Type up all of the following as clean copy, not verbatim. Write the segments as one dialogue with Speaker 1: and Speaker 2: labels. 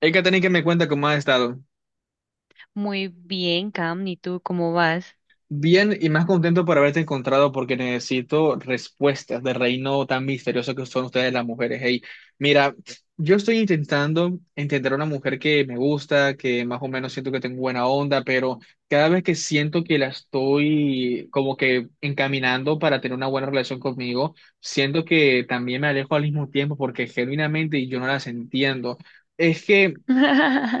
Speaker 1: Hey, Katherine, que me cuenta cómo has estado.
Speaker 2: Muy bien, Cam, ¿y tú cómo vas?
Speaker 1: Bien y más contento por haberte encontrado porque necesito respuestas del reino tan misterioso que son ustedes las mujeres. Hey, mira, yo estoy intentando entender a una mujer que me gusta, que más o menos siento que tengo buena onda, pero cada vez que siento que la estoy como que encaminando para tener una buena relación conmigo, siento que también me alejo al mismo tiempo porque genuinamente yo no las entiendo. Es que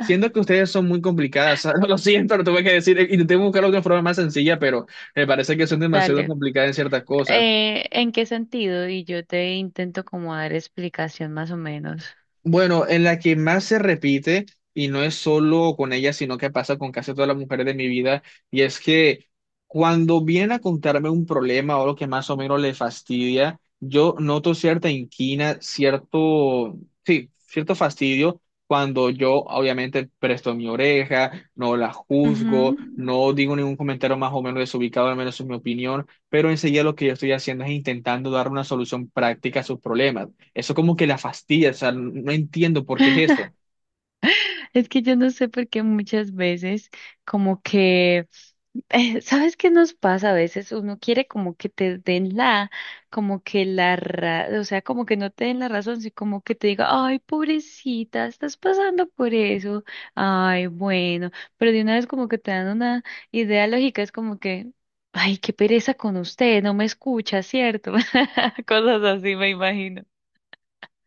Speaker 1: siento que ustedes son muy complicadas, lo siento, lo tuve que decir, intenté buscar otra forma más sencilla, pero me parece que son demasiado
Speaker 2: Dale.
Speaker 1: complicadas en ciertas cosas.
Speaker 2: ¿En qué sentido? Y yo te intento como dar explicación más o menos.
Speaker 1: Bueno, en la que más se repite, y no es solo con ella, sino que pasa con casi todas las mujeres de mi vida, y es que cuando vienen a contarme un problema o lo que más o menos le fastidia, yo noto cierta inquina, cierto, sí, cierto fastidio cuando yo obviamente presto mi oreja, no la juzgo,
Speaker 2: Ujú.
Speaker 1: no digo ningún comentario más o menos desubicado, al menos es mi opinión, pero enseguida lo que yo estoy haciendo es intentando dar una solución práctica a sus problemas. Eso como que la fastidia, o sea, no entiendo por qué es eso.
Speaker 2: Es que yo no sé por qué muchas veces como que ¿sabes qué nos pasa a veces? Uno quiere como que te den la, como que o sea, como que no te den la razón, sino como que te diga, ay, pobrecita, estás pasando por eso, ay, bueno, pero de una vez como que te dan una idea lógica, es como que, ay, qué pereza con usted, no me escucha, ¿cierto? Cosas así me imagino.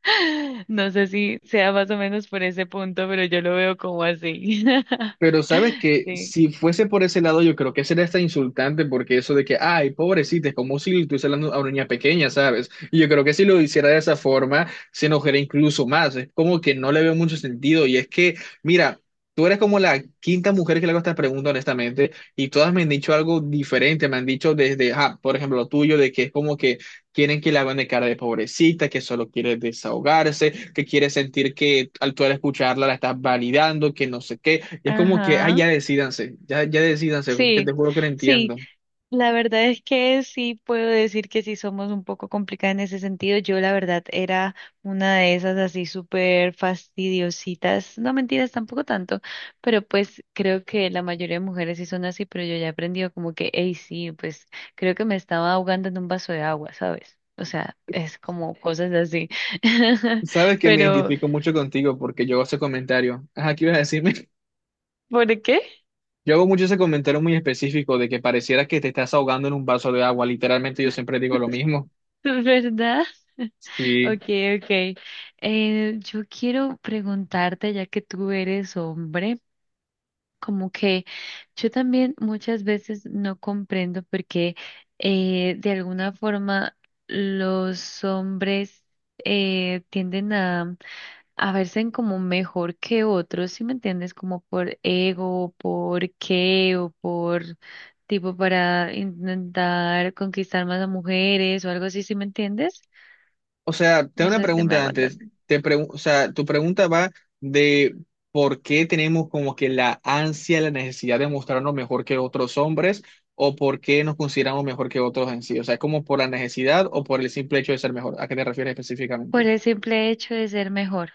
Speaker 2: No sé si sea más o menos por ese punto, pero yo lo veo como así.
Speaker 1: Pero sabes que
Speaker 2: Sí.
Speaker 1: si fuese por ese lado, yo creo que sería hasta insultante, porque eso de que, ay, pobrecita, es como si le estuviese hablando a una niña pequeña, ¿sabes? Y yo creo que si lo hiciera de esa forma, se enojaría incluso más. Es como que no le veo mucho sentido. Y es que, mira, tú eres como la quinta mujer que le hago esta pregunta, honestamente, y todas me han dicho algo diferente. Me han dicho desde, ah, por ejemplo, lo tuyo, de que es como que quieren que le hagan de cara de pobrecita, que solo quiere desahogarse, que quiere sentir que al tú al escucharla la estás validando, que no sé qué. Y es como que, ay,
Speaker 2: Ajá.
Speaker 1: ya decídanse, ya decídanse, porque
Speaker 2: Sí.
Speaker 1: te juro que no
Speaker 2: Sí,
Speaker 1: entiendo.
Speaker 2: la verdad es que sí puedo decir que sí somos un poco complicadas en ese sentido. Yo la verdad era una de esas así súper fastidiositas. No mentiras, tampoco tanto, pero pues creo que la mayoría de mujeres sí son así, pero yo ya he aprendido como que, hey, sí, pues creo que me estaba ahogando en un vaso de agua, ¿sabes? O sea, es como cosas así.
Speaker 1: Sabes que me
Speaker 2: Pero,
Speaker 1: identifico mucho contigo porque yo hago ese comentario. Ajá, ¿qué ibas a decirme?
Speaker 2: ¿por qué?
Speaker 1: Yo hago mucho ese comentario muy específico de que pareciera que te estás ahogando en un vaso de agua. Literalmente yo siempre digo lo mismo.
Speaker 2: ¿Verdad?
Speaker 1: Sí.
Speaker 2: Okay, okay. Yo quiero preguntarte, ya que tú eres hombre. Como que yo también muchas veces no comprendo porque de alguna forma los hombres tienden a verse como mejor que otros, ¿si me entiendes? Como por ego, por qué o por tipo para intentar conquistar más a mujeres o algo así, ¿si me entiendes?
Speaker 1: O sea, tengo
Speaker 2: No
Speaker 1: una
Speaker 2: sé si me
Speaker 1: pregunta
Speaker 2: hago
Speaker 1: antes.
Speaker 2: entender.
Speaker 1: O sea, tu pregunta va de por qué tenemos como que la ansia, la necesidad de mostrarnos mejor que otros hombres o por qué nos consideramos mejor que otros en sí. O sea, ¿es como por la necesidad o por el simple hecho de ser mejor? ¿A qué te refieres
Speaker 2: Por
Speaker 1: específicamente?
Speaker 2: el simple hecho de ser mejor.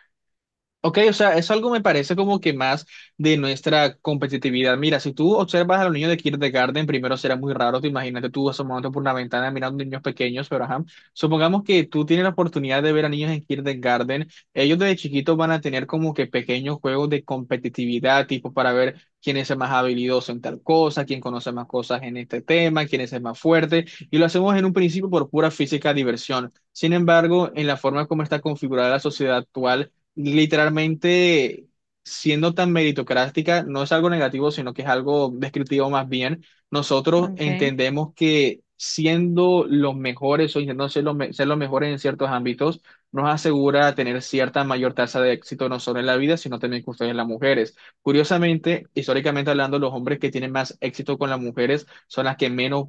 Speaker 1: Ok, o sea, eso algo me parece como que más de nuestra competitividad. Mira, si tú observas a los niños de kindergarten, primero será muy raro, te imagínate tú asomándote por una ventana mirando niños pequeños, pero ajá, supongamos que tú tienes la oportunidad de ver a niños en kindergarten, ellos desde chiquitos van a tener como que pequeños juegos de competitividad, tipo para ver quién es el más habilidoso en tal cosa, quién conoce más cosas en este tema, quién es el más fuerte, y lo hacemos en un principio por pura física diversión. Sin embargo, en la forma como está configurada la sociedad actual, literalmente siendo tan meritocrática, no es algo negativo, sino que es algo descriptivo más bien. Nosotros
Speaker 2: Okay.
Speaker 1: entendemos que siendo los mejores o intentando ser los, ser los mejores en ciertos ámbitos, nos asegura tener cierta mayor tasa de éxito no solo en la vida, sino también con ustedes las mujeres. Curiosamente, históricamente hablando, los hombres que tienen más éxito con las mujeres son las que menos,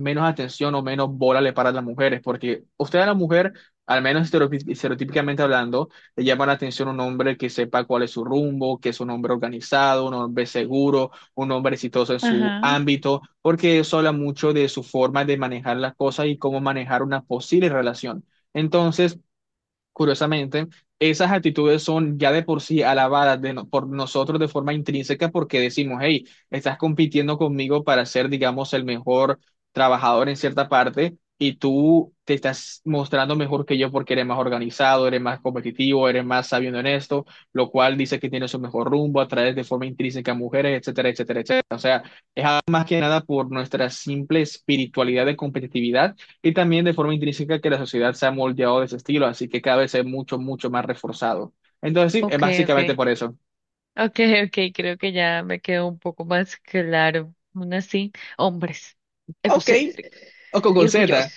Speaker 1: menos atención o menos bola le paran a las mujeres, porque usted a la mujer, al menos estereotípicamente hablando, le llama la atención un hombre que sepa cuál es su rumbo, que es un hombre organizado, un hombre seguro, un hombre exitoso en su
Speaker 2: Ajá.
Speaker 1: ámbito, porque eso habla mucho de su forma de manejar las cosas y cómo manejar una posible relación. Entonces, curiosamente, esas actitudes son ya de por sí alabadas de por nosotros de forma intrínseca porque decimos, hey, estás compitiendo conmigo para ser, digamos, el mejor trabajador en cierta parte y tú te estás mostrando mejor que yo porque eres más organizado, eres más competitivo, eres más sabiendo en esto, lo cual dice que tienes un mejor rumbo, atraes de forma intrínseca a mujeres, etcétera, etcétera, etcétera más que nada por nuestra simple espiritualidad de competitividad y también de forma intrínseca que la sociedad se ha moldeado de ese estilo, así que cada vez es mucho, mucho más reforzado. Entonces sí, es
Speaker 2: Ok,
Speaker 1: básicamente
Speaker 2: ok.
Speaker 1: por eso.
Speaker 2: Okay, okay, creo que ya me quedó un poco más claro. Aún así, hombres,
Speaker 1: Ok,
Speaker 2: egocéntricos
Speaker 1: o
Speaker 2: y
Speaker 1: con
Speaker 2: orgullosos.
Speaker 1: Z.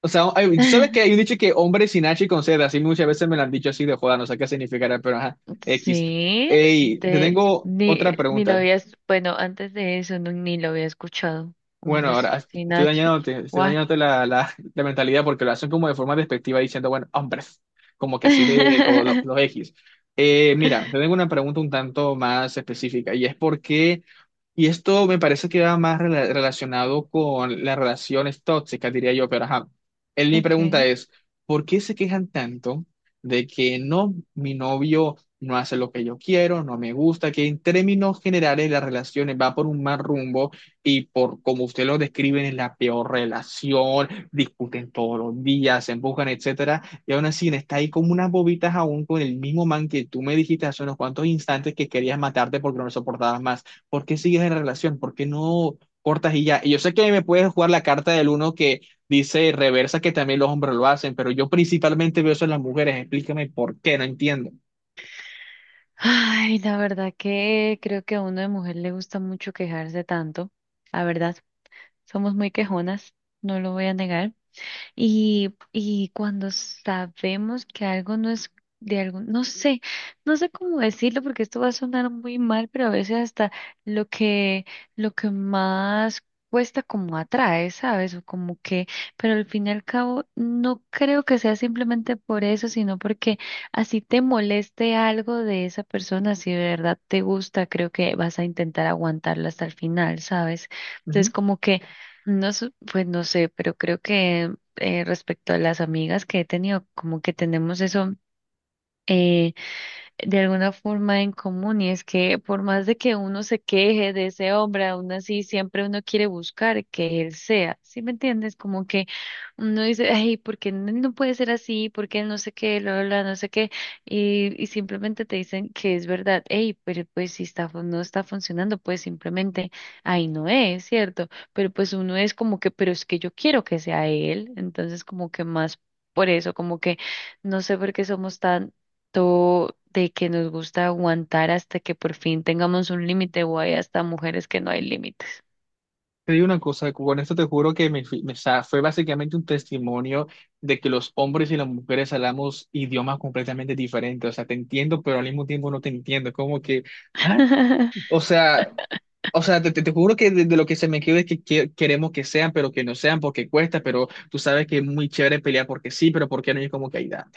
Speaker 1: O sea, hay- tú sabes que hay un dicho que hombre sin H y con Z, así muchas veces me lo han dicho así de joda, no sé qué significará, pero ajá, X.
Speaker 2: Sí,
Speaker 1: Ey, te
Speaker 2: te,
Speaker 1: tengo
Speaker 2: ni,
Speaker 1: otra
Speaker 2: ni lo
Speaker 1: pregunta.
Speaker 2: habías, bueno, antes de eso ni lo había escuchado.
Speaker 1: Bueno,
Speaker 2: Hombres
Speaker 1: ahora
Speaker 2: sin H.
Speaker 1: estoy
Speaker 2: What?
Speaker 1: dañándote la mentalidad porque lo hacen como de forma despectiva diciendo, bueno, hombres, como que así de los X. Mira, te tengo una pregunta un tanto más específica y es por qué y esto me parece que va más relacionado con las relaciones tóxicas, diría yo, pero ajá. Él, mi pregunta
Speaker 2: Okay.
Speaker 1: es, ¿por qué se quejan tanto de que no, mi novio no hace lo que yo quiero, no me gusta, que en términos generales las relaciones va por un mal rumbo y por como usted lo describen es la peor relación, discuten todos los días, se empujan, etcétera, y aún así está ahí como unas bobitas aún con el mismo man que tú me dijiste hace unos cuantos instantes que querías matarte porque no lo soportabas más? ¿Por qué sigues en la relación? ¿Por qué no cortas y ya? Y yo sé que me puedes jugar la carta del uno que dice reversa, que también los hombres lo hacen, pero yo principalmente veo eso en las mujeres. Explícame por qué, no entiendo.
Speaker 2: Ay, la verdad que creo que a uno de mujer le gusta mucho quejarse tanto. La verdad, somos muy quejonas, no lo voy a negar. Y cuando sabemos que algo no es de algún, no sé, no sé cómo decirlo porque esto va a sonar muy mal, pero a veces hasta lo que, lo que más cuesta como atrae, ¿sabes? O como que, pero al fin y al cabo no creo que sea simplemente por eso, sino porque así te moleste algo de esa persona, si de verdad te gusta, creo que vas a intentar aguantarlo hasta el final, ¿sabes? Entonces
Speaker 1: Ujú.
Speaker 2: como que, no, sé, pues no sé, pero creo que respecto a las amigas que he tenido, como que tenemos eso eh, de alguna forma en común y es que por más de que uno se queje de ese hombre, aún así siempre uno quiere buscar que él sea, ¿sí me entiendes? Como que uno dice, ay, ¿por qué él no puede ser así? ¿Por qué él no sé qué, lo, no sé qué? Y simplemente te dicen que es verdad, hey, pero pues si está, no está funcionando, pues simplemente ahí no es, ¿cierto? Pero pues uno es como que, pero es que yo quiero que sea él, entonces como que más... Por eso, como que no sé por qué somos tan esto de que nos gusta aguantar hasta que por fin tengamos un límite o hay hasta mujeres que no hay límites.
Speaker 1: Te digo una cosa, con esto te juro que o sea, fue básicamente un testimonio de que los hombres y las mujeres hablamos idiomas completamente diferentes. O sea, te entiendo, pero al mismo tiempo no te entiendo. Como que, ¿ah? O sea, o sea, te juro que de lo que se me quede es que, queremos que sean, pero que no sean porque cuesta, pero tú sabes que es muy chévere pelear porque sí, pero porque no es como que hay da.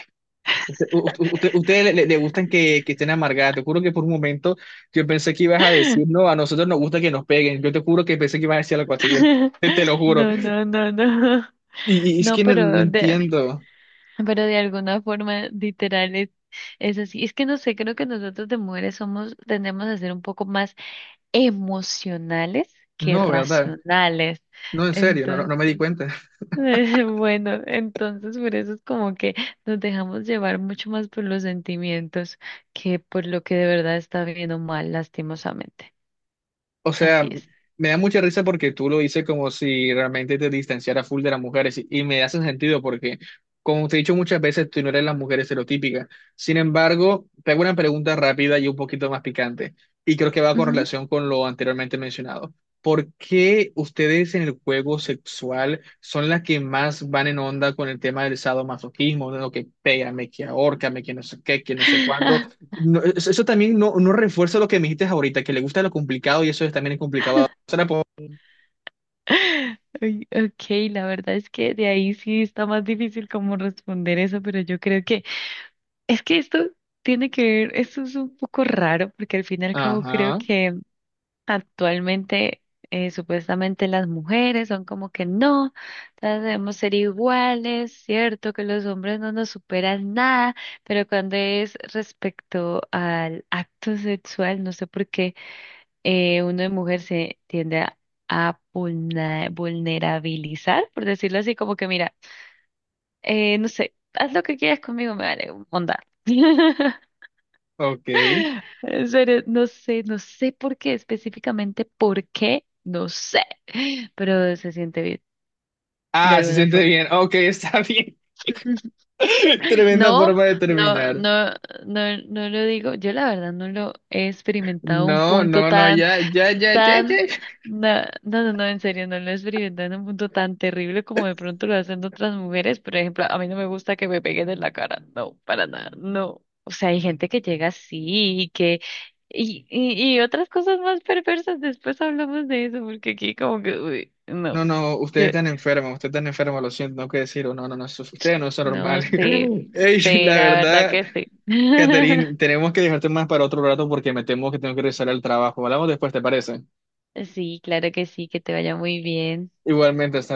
Speaker 1: Usted, ustedes le, le gustan que estén amargadas. Te juro que por un momento yo pensé que ibas a decir, no, a nosotros nos gusta que nos peguen. Yo te juro que pensé que ibas a decir algo así, yo te lo juro.
Speaker 2: No, no, no, no.
Speaker 1: Y es
Speaker 2: No,
Speaker 1: que no, no entiendo.
Speaker 2: pero de alguna forma literal es así. Es que no sé, creo que nosotros de mujeres somos, tendemos a ser un poco más emocionales que
Speaker 1: No, ¿verdad?
Speaker 2: racionales.
Speaker 1: No, en serio, no, no,
Speaker 2: Entonces
Speaker 1: no me di cuenta.
Speaker 2: Bueno, entonces por eso es como que nos dejamos llevar mucho más por los sentimientos que por lo que de verdad está bien o mal, lastimosamente.
Speaker 1: O
Speaker 2: Así
Speaker 1: sea,
Speaker 2: es.
Speaker 1: me da mucha risa porque tú lo dices como si realmente te distanciara full de las mujeres y me hace sentido porque, como te he dicho muchas veces, tú no eres la mujer estereotípica. Sin embargo, te hago una pregunta rápida y un poquito más picante y creo que va con
Speaker 2: Ujú.
Speaker 1: relación con lo anteriormente mencionado. ¿Por qué ustedes en el juego sexual son las que más van en onda con el tema del sadomasoquismo, de lo que pégame, que ahórcame, que no sé qué, que no sé cuándo? No, eso eso también no, no refuerza lo que me dijiste ahorita, que le gusta lo complicado y eso también es complicado. Se la puedo-
Speaker 2: Ay, ok, la verdad es que de ahí sí está más difícil como responder eso, pero yo creo que es que esto tiene que ver, esto es un poco raro porque al fin y al cabo creo
Speaker 1: Ajá,
Speaker 2: que actualmente, supuestamente las mujeres son como que no, todas debemos ser iguales, cierto que los hombres no nos superan nada, pero cuando es respecto al acto sexual, no sé por qué uno de mujer se tiende a vulnerabilizar, por decirlo así, como que mira, no sé, haz lo que quieras conmigo, me vale, onda.
Speaker 1: ok.
Speaker 2: En serio, no sé, no sé por qué, específicamente por qué, no sé, pero se siente bien de
Speaker 1: Ah, se
Speaker 2: alguna
Speaker 1: siente
Speaker 2: forma.
Speaker 1: bien. Ok, está bien. Tremenda
Speaker 2: No,
Speaker 1: forma de
Speaker 2: no,
Speaker 1: terminar.
Speaker 2: no, no, no lo digo, yo la verdad no lo he experimentado a un
Speaker 1: No,
Speaker 2: punto
Speaker 1: no, no,
Speaker 2: tan
Speaker 1: ya, ya, ya, ya,
Speaker 2: tan,
Speaker 1: ya.
Speaker 2: no, no, no, no, en serio, no lo experimentan en un punto tan terrible como de pronto lo hacen otras mujeres. Por ejemplo, a mí no me gusta que me peguen en la cara, no, para nada, no. O sea, hay gente que llega así y que, y otras cosas más perversas, después hablamos de eso, porque aquí como que, uy, no,
Speaker 1: No, no,
Speaker 2: yo,
Speaker 1: ustedes están enfermos, lo siento, no que decirlo. No, no, no, ustedes no son
Speaker 2: no
Speaker 1: normales.
Speaker 2: sé, sí,
Speaker 1: Ey,
Speaker 2: sí,
Speaker 1: la
Speaker 2: la verdad
Speaker 1: verdad,
Speaker 2: que sí.
Speaker 1: Catherine, tenemos que dejarte más para otro rato porque me temo que tengo que regresar al trabajo. Hablamos después, ¿te parece?
Speaker 2: Sí, claro que sí, que te vaya muy bien.
Speaker 1: Igualmente, hasta